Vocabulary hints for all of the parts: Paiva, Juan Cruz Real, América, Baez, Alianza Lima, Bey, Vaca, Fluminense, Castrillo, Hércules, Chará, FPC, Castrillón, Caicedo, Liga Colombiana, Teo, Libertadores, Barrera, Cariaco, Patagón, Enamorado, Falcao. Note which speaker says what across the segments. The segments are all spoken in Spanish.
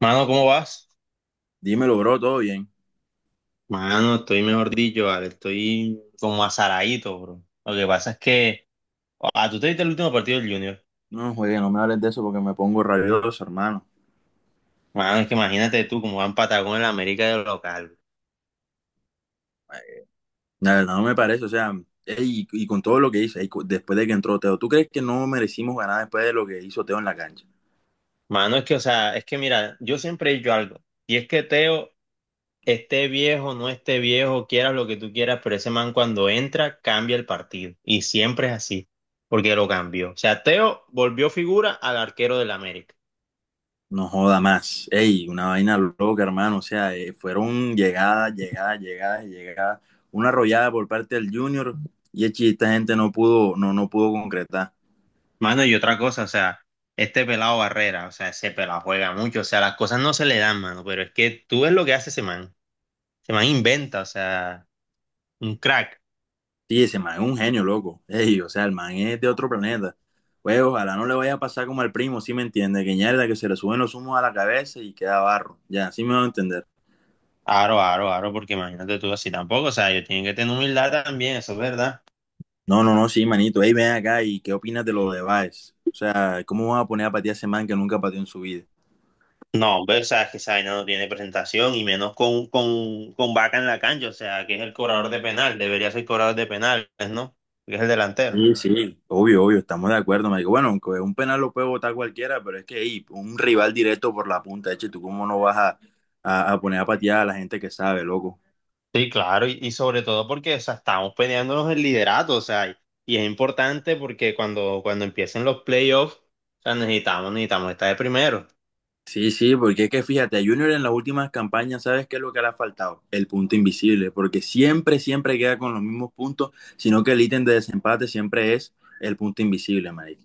Speaker 1: Mano, ¿cómo vas?
Speaker 2: Dímelo, bro, todo bien.
Speaker 1: Mano, estoy mejor dicho, vale, estoy como azaradito, bro. Lo que pasa es que, ah, tú te viste el último partido del Junior.
Speaker 2: No, juegue, no me hables de eso porque me pongo rabioso, hermano.
Speaker 1: Mano, es que imagínate tú cómo van Patagón en la América de local.
Speaker 2: Nada, no me parece, o sea, ey, y con todo lo que hice, ey, después de que entró Teo, ¿tú crees que no merecimos ganar después de lo que hizo Teo en la cancha?
Speaker 1: Mano, es que, o sea, es que mira, yo siempre he dicho algo, y es que Teo, esté viejo, no esté viejo, quieras lo que tú quieras, pero ese man cuando entra, cambia el partido. Y siempre es así, porque lo cambió. O sea, Teo volvió figura al arquero del América.
Speaker 2: No joda más. Ey, una vaina loca, hermano. O sea, fueron llegadas, llegadas, llegadas, y llegadas. Una arrollada por parte del Junior y echi, esta gente no pudo concretar.
Speaker 1: Mano, y otra cosa, o sea, este pelado Barrera, o sea, ese pelado juega mucho, o sea, las cosas no se le dan, mano, pero es que tú ves lo que hace ese man. Ese man inventa, o sea, un crack.
Speaker 2: Sí, ese man es un genio, loco. Ey, o sea, el man es de otro planeta. Pues ojalá no le vaya a pasar como al primo, ¿sí me entiende? Que ñerda, que se le suben los humos a la cabeza y queda barro. Ya, sí me va a entender.
Speaker 1: Aro, aro, aro, porque imagínate tú así tampoco, o sea, ellos tienen que tener humildad también, eso es verdad.
Speaker 2: No, no, no, sí, manito. Ey, ven acá y ¿qué opinas de lo de Baez? O sea, ¿cómo van a poner a patear a ese man que nunca pateó en su vida?
Speaker 1: No, hombre, o sea, es que esa vaina no tiene presentación y menos con, con Vaca en la cancha, o sea, que es el cobrador de penal, debería ser cobrador de penales, ¿no? Porque es el delantero.
Speaker 2: Sí, sí, obvio, obvio, estamos de acuerdo, marico. Bueno, aunque un penal lo puede botar cualquiera, pero es que ey, un rival directo por la punta, eche, ¿tú cómo no vas a poner a patear a la gente que sabe, loco?
Speaker 1: Sí, claro, y sobre todo porque, o sea, estamos peleándonos el liderato, o sea, y es importante porque cuando empiecen los playoffs, o sea, necesitamos, necesitamos estar de primero.
Speaker 2: Sí, sí, porque es que fíjate, a Junior en las últimas campañas, ¿sabes qué es lo que le ha faltado? El punto invisible, porque siempre, siempre queda con los mismos puntos, sino que el ítem de desempate siempre es el punto invisible, marica.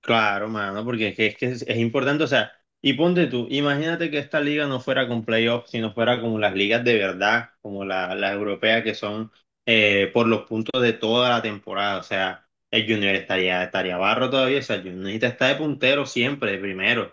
Speaker 1: Claro, mano, porque es que es importante, o sea, y ponte tú, imagínate que esta liga no fuera con playoffs, sino fuera como las ligas de verdad, como las europeas que son por los puntos de toda la temporada, o sea, el Junior estaría barro todavía, o sea, el Junior necesita estar de puntero siempre, de primero.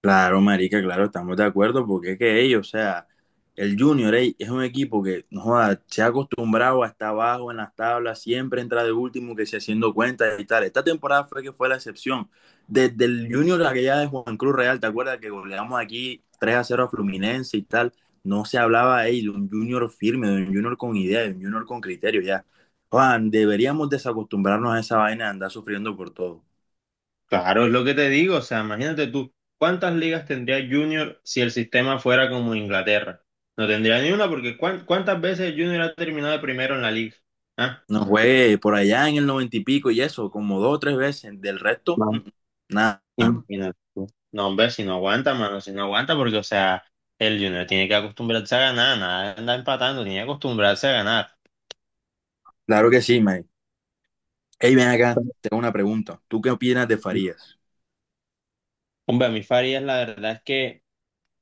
Speaker 2: Claro, marica, claro, estamos de acuerdo, porque es que ellos, o sea, el Junior ey, es un equipo que no joda, se ha acostumbrado a estar abajo en las tablas, siempre entra de último, que se haciendo cuentas y tal. Esta temporada fue que fue la excepción. Desde el Junior, la que ya de Juan Cruz Real, ¿te acuerdas que goleamos aquí 3-0 a Fluminense y tal? No se hablaba ey, de un Junior firme, de un Junior con idea, de un Junior con criterio, ya. Juan, deberíamos desacostumbrarnos a esa vaina de andar sufriendo por todo.
Speaker 1: Claro, es lo que te digo, o sea, imagínate tú, ¿cuántas ligas tendría Junior si el sistema fuera como Inglaterra? No tendría ni una porque ¿cuántas veces Junior ha terminado de primero en la liga? ¿Ah?
Speaker 2: No juegue por allá en el noventa y pico y eso, como dos o tres veces. Del resto,
Speaker 1: No.
Speaker 2: nada.
Speaker 1: Imagínate tú. No, hombre, si no aguanta, mano, si no aguanta porque, o sea, el Junior tiene que acostumbrarse a ganar, nada, de andar empatando, tiene que acostumbrarse a ganar.
Speaker 2: Claro que sí, man. Hey, ven acá, tengo una pregunta. ¿Tú qué opinas de Farías?
Speaker 1: Hombre, a mí Farías, la verdad es que,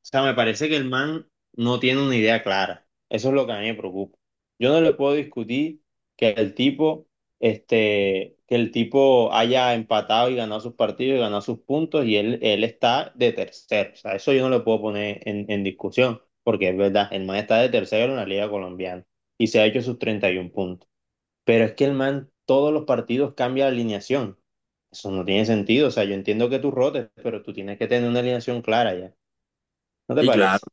Speaker 1: o sea, me parece que el man no tiene una idea clara. Eso es lo que a mí me preocupa. Yo no le puedo discutir que el tipo, que el tipo haya empatado y ganado sus partidos y ganado sus puntos y él está de tercero. O sea, eso yo no le puedo poner en discusión, porque es verdad, el man está de tercero en la Liga Colombiana y se ha hecho sus 31 puntos. Pero es que el man todos los partidos cambia la alineación. Eso no tiene sentido. O sea, yo entiendo que tú rotes, pero tú tienes que tener una alineación clara ya. ¿No te
Speaker 2: Y claro.
Speaker 1: parece?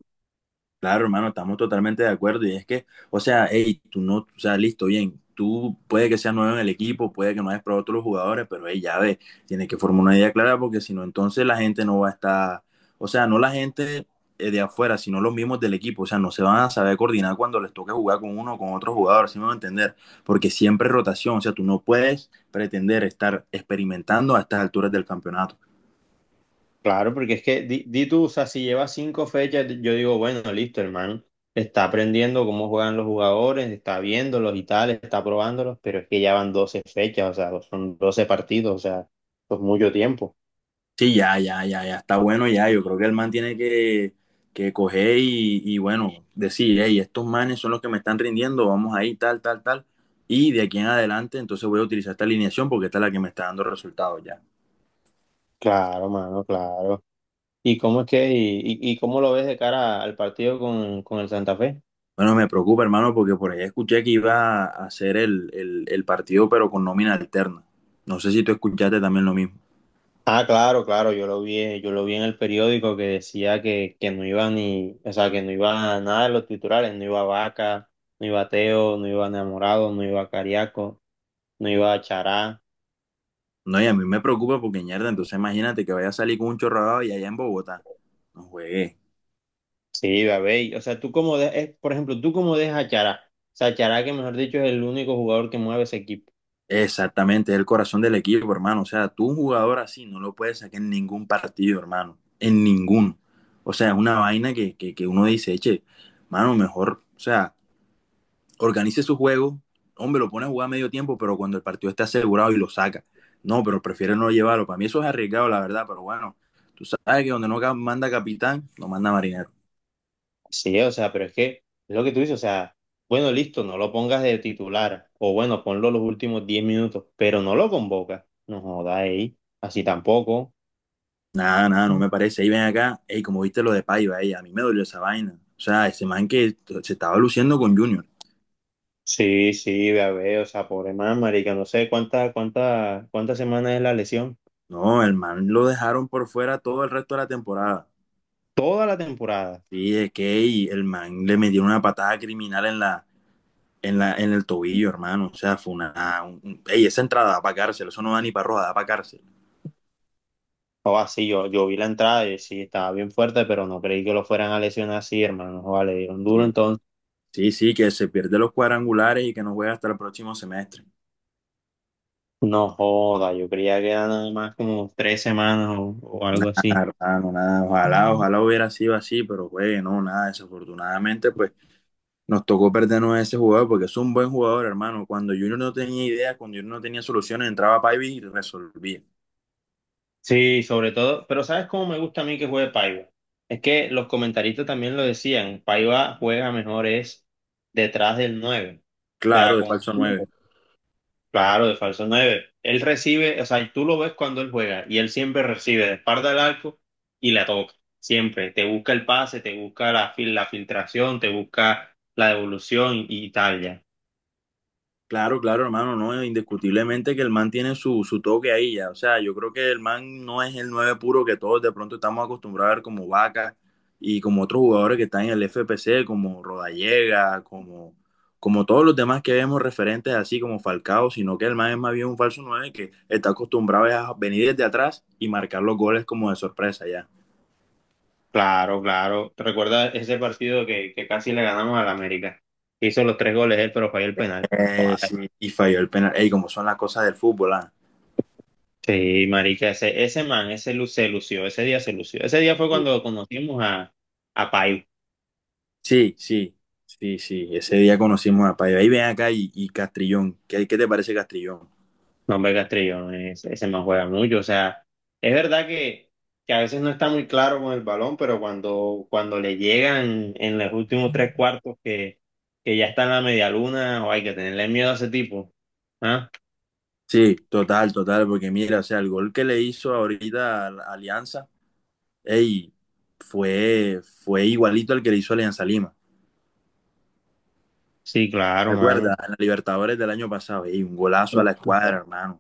Speaker 2: Claro, hermano, estamos totalmente de acuerdo. Y es que, o sea, hey, tú no, o sea, listo, bien. Tú puede que seas nuevo en el equipo, puede que no hayas probado a todos los jugadores, pero hey, ya ves, tienes que formar una idea clara porque si no, entonces la gente no va a estar, o sea, no la gente de afuera, sino los mismos del equipo. O sea, no se van a saber coordinar cuando les toque jugar con uno o con otro jugador, ¿si me van a entender? Porque siempre es rotación, o sea, tú no puedes pretender estar experimentando a estas alturas del campeonato.
Speaker 1: Claro, porque es que di, di tú, o sea, si lleva cinco fechas, yo digo, bueno, listo, hermano, está aprendiendo cómo juegan los jugadores, está viéndolos y tal, está probándolos, pero es que ya van 12 fechas, o sea, son 12 partidos, o sea, es mucho tiempo.
Speaker 2: Sí, ya, ya, ya, ya está bueno ya. Yo creo que el man tiene que coger bueno, decir, hey, estos manes son los que me están rindiendo, vamos ahí, tal, tal, tal. Y de aquí en adelante, entonces voy a utilizar esta alineación porque esta es la que me está dando resultados ya.
Speaker 1: Claro, mano, claro. ¿Y cómo es que, y cómo lo ves de cara al partido con el Santa Fe?
Speaker 2: Bueno, me preocupa, hermano, porque por ahí escuché que iba a hacer el partido, pero con nómina alterna. No sé si tú escuchaste también lo mismo.
Speaker 1: Ah, claro, claro, yo lo vi en el periódico que decía que no iba ni, o sea, que no iba nada de los titulares, no iba Vaca, no iba Teo, no iba Enamorado, no iba Cariaco, no iba Chará,
Speaker 2: No, y a mí me preocupa porque, mierda, entonces imagínate que vaya a salir con un chorradado y allá en Bogotá. No juegues.
Speaker 1: sí iba Bey, o sea, tú como por ejemplo, tú como dejas a Chará, o sea, Chará que mejor dicho es el único jugador que mueve ese equipo,
Speaker 2: Exactamente, es el corazón del equipo, hermano. O sea, tú un jugador así no lo puedes sacar en ningún partido, hermano. En ninguno. O sea, es una vaina que uno dice, eche, mano, mejor, o sea, organice su juego. Hombre, lo pone a jugar a medio tiempo, pero cuando el partido está asegurado y lo saca. No, pero prefiere no llevarlo. Para mí eso es arriesgado, la verdad, pero bueno, tú sabes que donde no manda capitán, no manda marinero.
Speaker 1: sí, o sea, pero es que es lo que tú dices, o sea, bueno, listo, no lo pongas de titular, o bueno, ponlo los últimos 10 minutos, pero no lo convocas, no jodas ahí, así tampoco.
Speaker 2: Nada, nada, no me parece. Ahí ven acá, ey, como viste lo de Paiva, ey, a mí me dolió esa vaina. O sea, ese man que se estaba luciendo con Junior.
Speaker 1: Sí, sí, ve a ver, o sea, pobre man, marica, no sé cuántas semanas es la lesión.
Speaker 2: No, el man lo dejaron por fuera todo el resto de la temporada.
Speaker 1: Toda la temporada.
Speaker 2: Sí, es que y el man le metió una patada criminal en en el tobillo, hermano. O sea, fue ey, esa entrada da para cárcel, eso no da ni para roja, da para cárcel.
Speaker 1: O así, yo vi la entrada y sí, estaba bien fuerte, pero no creí que lo fueran a lesionar así, hermano. Joda, le dieron duro,
Speaker 2: Sí,
Speaker 1: entonces,
Speaker 2: sí, sí, que se pierde los cuadrangulares y que no juega hasta el próximo semestre.
Speaker 1: no joda, yo creía que eran nada más como 3 semanas o algo
Speaker 2: Ah,
Speaker 1: así.
Speaker 2: hermano, nada, ojalá, ojalá hubiera sido así, pero juegue, no, nada, desafortunadamente, pues nos tocó perdernos a ese jugador porque es un buen jugador, hermano. Cuando Junior no tenía ideas, cuando Junior no tenía soluciones, entraba Paiva y resolvía.
Speaker 1: Sí, sobre todo, pero ¿sabes cómo me gusta a mí que juegue Paiva? Es que los comentaristas también lo decían, Paiva juega mejor es detrás del nueve. O sea,
Speaker 2: Claro, de
Speaker 1: como
Speaker 2: falso nueve.
Speaker 1: claro, de falso 9. Él recibe, o sea, tú lo ves cuando él juega y él siempre recibe de espalda al arco y la toca. Siempre. Te busca el pase, te busca la filtración, te busca la devolución y tal ya.
Speaker 2: Claro, claro, hermano, no, indiscutiblemente que el man tiene su, su toque ahí ya. O sea, yo creo que el man no es el nueve puro que todos de pronto estamos acostumbrados a ver como Vaca y como otros jugadores que están en el FPC, como Rodallega, como, como todos los demás que vemos referentes así como Falcao, sino que el man es más bien un falso nueve que está acostumbrado a venir desde atrás y marcar los goles como de sorpresa ya.
Speaker 1: Claro, claro. ¿Te recuerdas ese partido que casi le ganamos al América? Hizo los tres goles él, pero falló el penal. Guau.
Speaker 2: Sí, y falló el penal. Ey, como son las cosas del fútbol, ah.
Speaker 1: Sí, marica, ese man, se lució, ese día se lució. Ese día fue cuando conocimos a Paiva.
Speaker 2: Sí, sí, sí, sí. Ese día conocimos a Paiva. Ahí ven acá y Castrillón. ¿Qué, qué te parece Castrillón?
Speaker 1: No, hombre, Castrillo, ese man juega mucho. O sea, es verdad que a veces no está muy claro con el balón, pero cuando le llegan en los últimos tres cuartos que ya está en la media luna, o hay que tenerle miedo a ese tipo. ¿Ah?
Speaker 2: Sí, total, total, porque mira, o sea, el gol que le hizo ahorita a la Alianza, ey, fue, fue igualito al que le hizo Alianza Lima.
Speaker 1: Sí, claro,
Speaker 2: ¿Te acuerdas?
Speaker 1: mano.
Speaker 2: En la Libertadores del año pasado, ey, un golazo a la escuadra, hermano.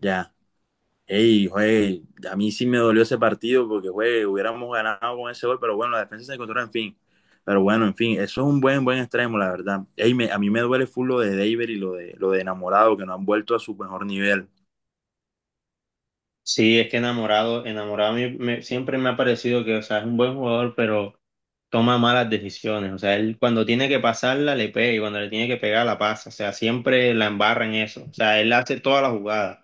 Speaker 2: Ya. Ey, güey, a mí sí me dolió ese partido porque, güey, hubiéramos ganado con ese gol, pero bueno, la defensa se encontró, en fin. Pero bueno, en fin, eso es un buen, buen extremo, la verdad. Ey, a mí me duele full lo de David y lo de Enamorado, que no han vuelto a su mejor nivel.
Speaker 1: Sí, es que enamorado, a mí siempre me ha parecido que, o sea, es un buen jugador, pero toma malas decisiones. O sea, él cuando tiene que pasarla, le pega y cuando le tiene que pegar, la pasa. O sea, siempre la embarra en eso. O sea, él hace toda la jugada.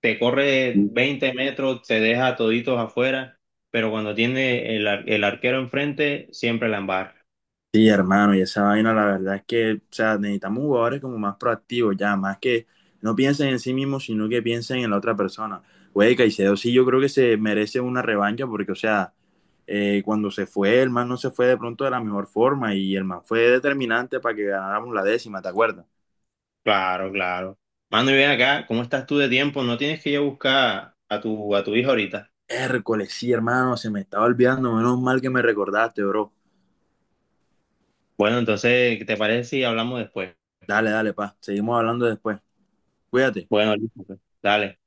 Speaker 1: Te corre 20 metros, te deja toditos afuera, pero cuando tiene el arquero enfrente, siempre la embarra.
Speaker 2: Sí, hermano, y esa vaina, la verdad es que, o sea, necesitamos jugadores como más proactivos, ya, más que no piensen en sí mismos, sino que piensen en la otra persona. Güey, Caicedo sí, yo creo que se merece una revancha, porque, o sea, cuando se fue, el man no se fue de pronto de la mejor forma, y el man fue determinante para que ganáramos la décima, ¿te acuerdas?
Speaker 1: Claro, claro. Mando, y ven acá, ¿cómo estás tú de tiempo? ¿No tienes que ir a buscar a tu hijo ahorita?
Speaker 2: Hércules, sí, hermano, se me estaba olvidando, menos mal que me recordaste, bro.
Speaker 1: Bueno, entonces, ¿qué te parece si hablamos después?
Speaker 2: Dale, dale, pa, seguimos hablando después. Cuídate.
Speaker 1: Bueno, listo, pues. Dale.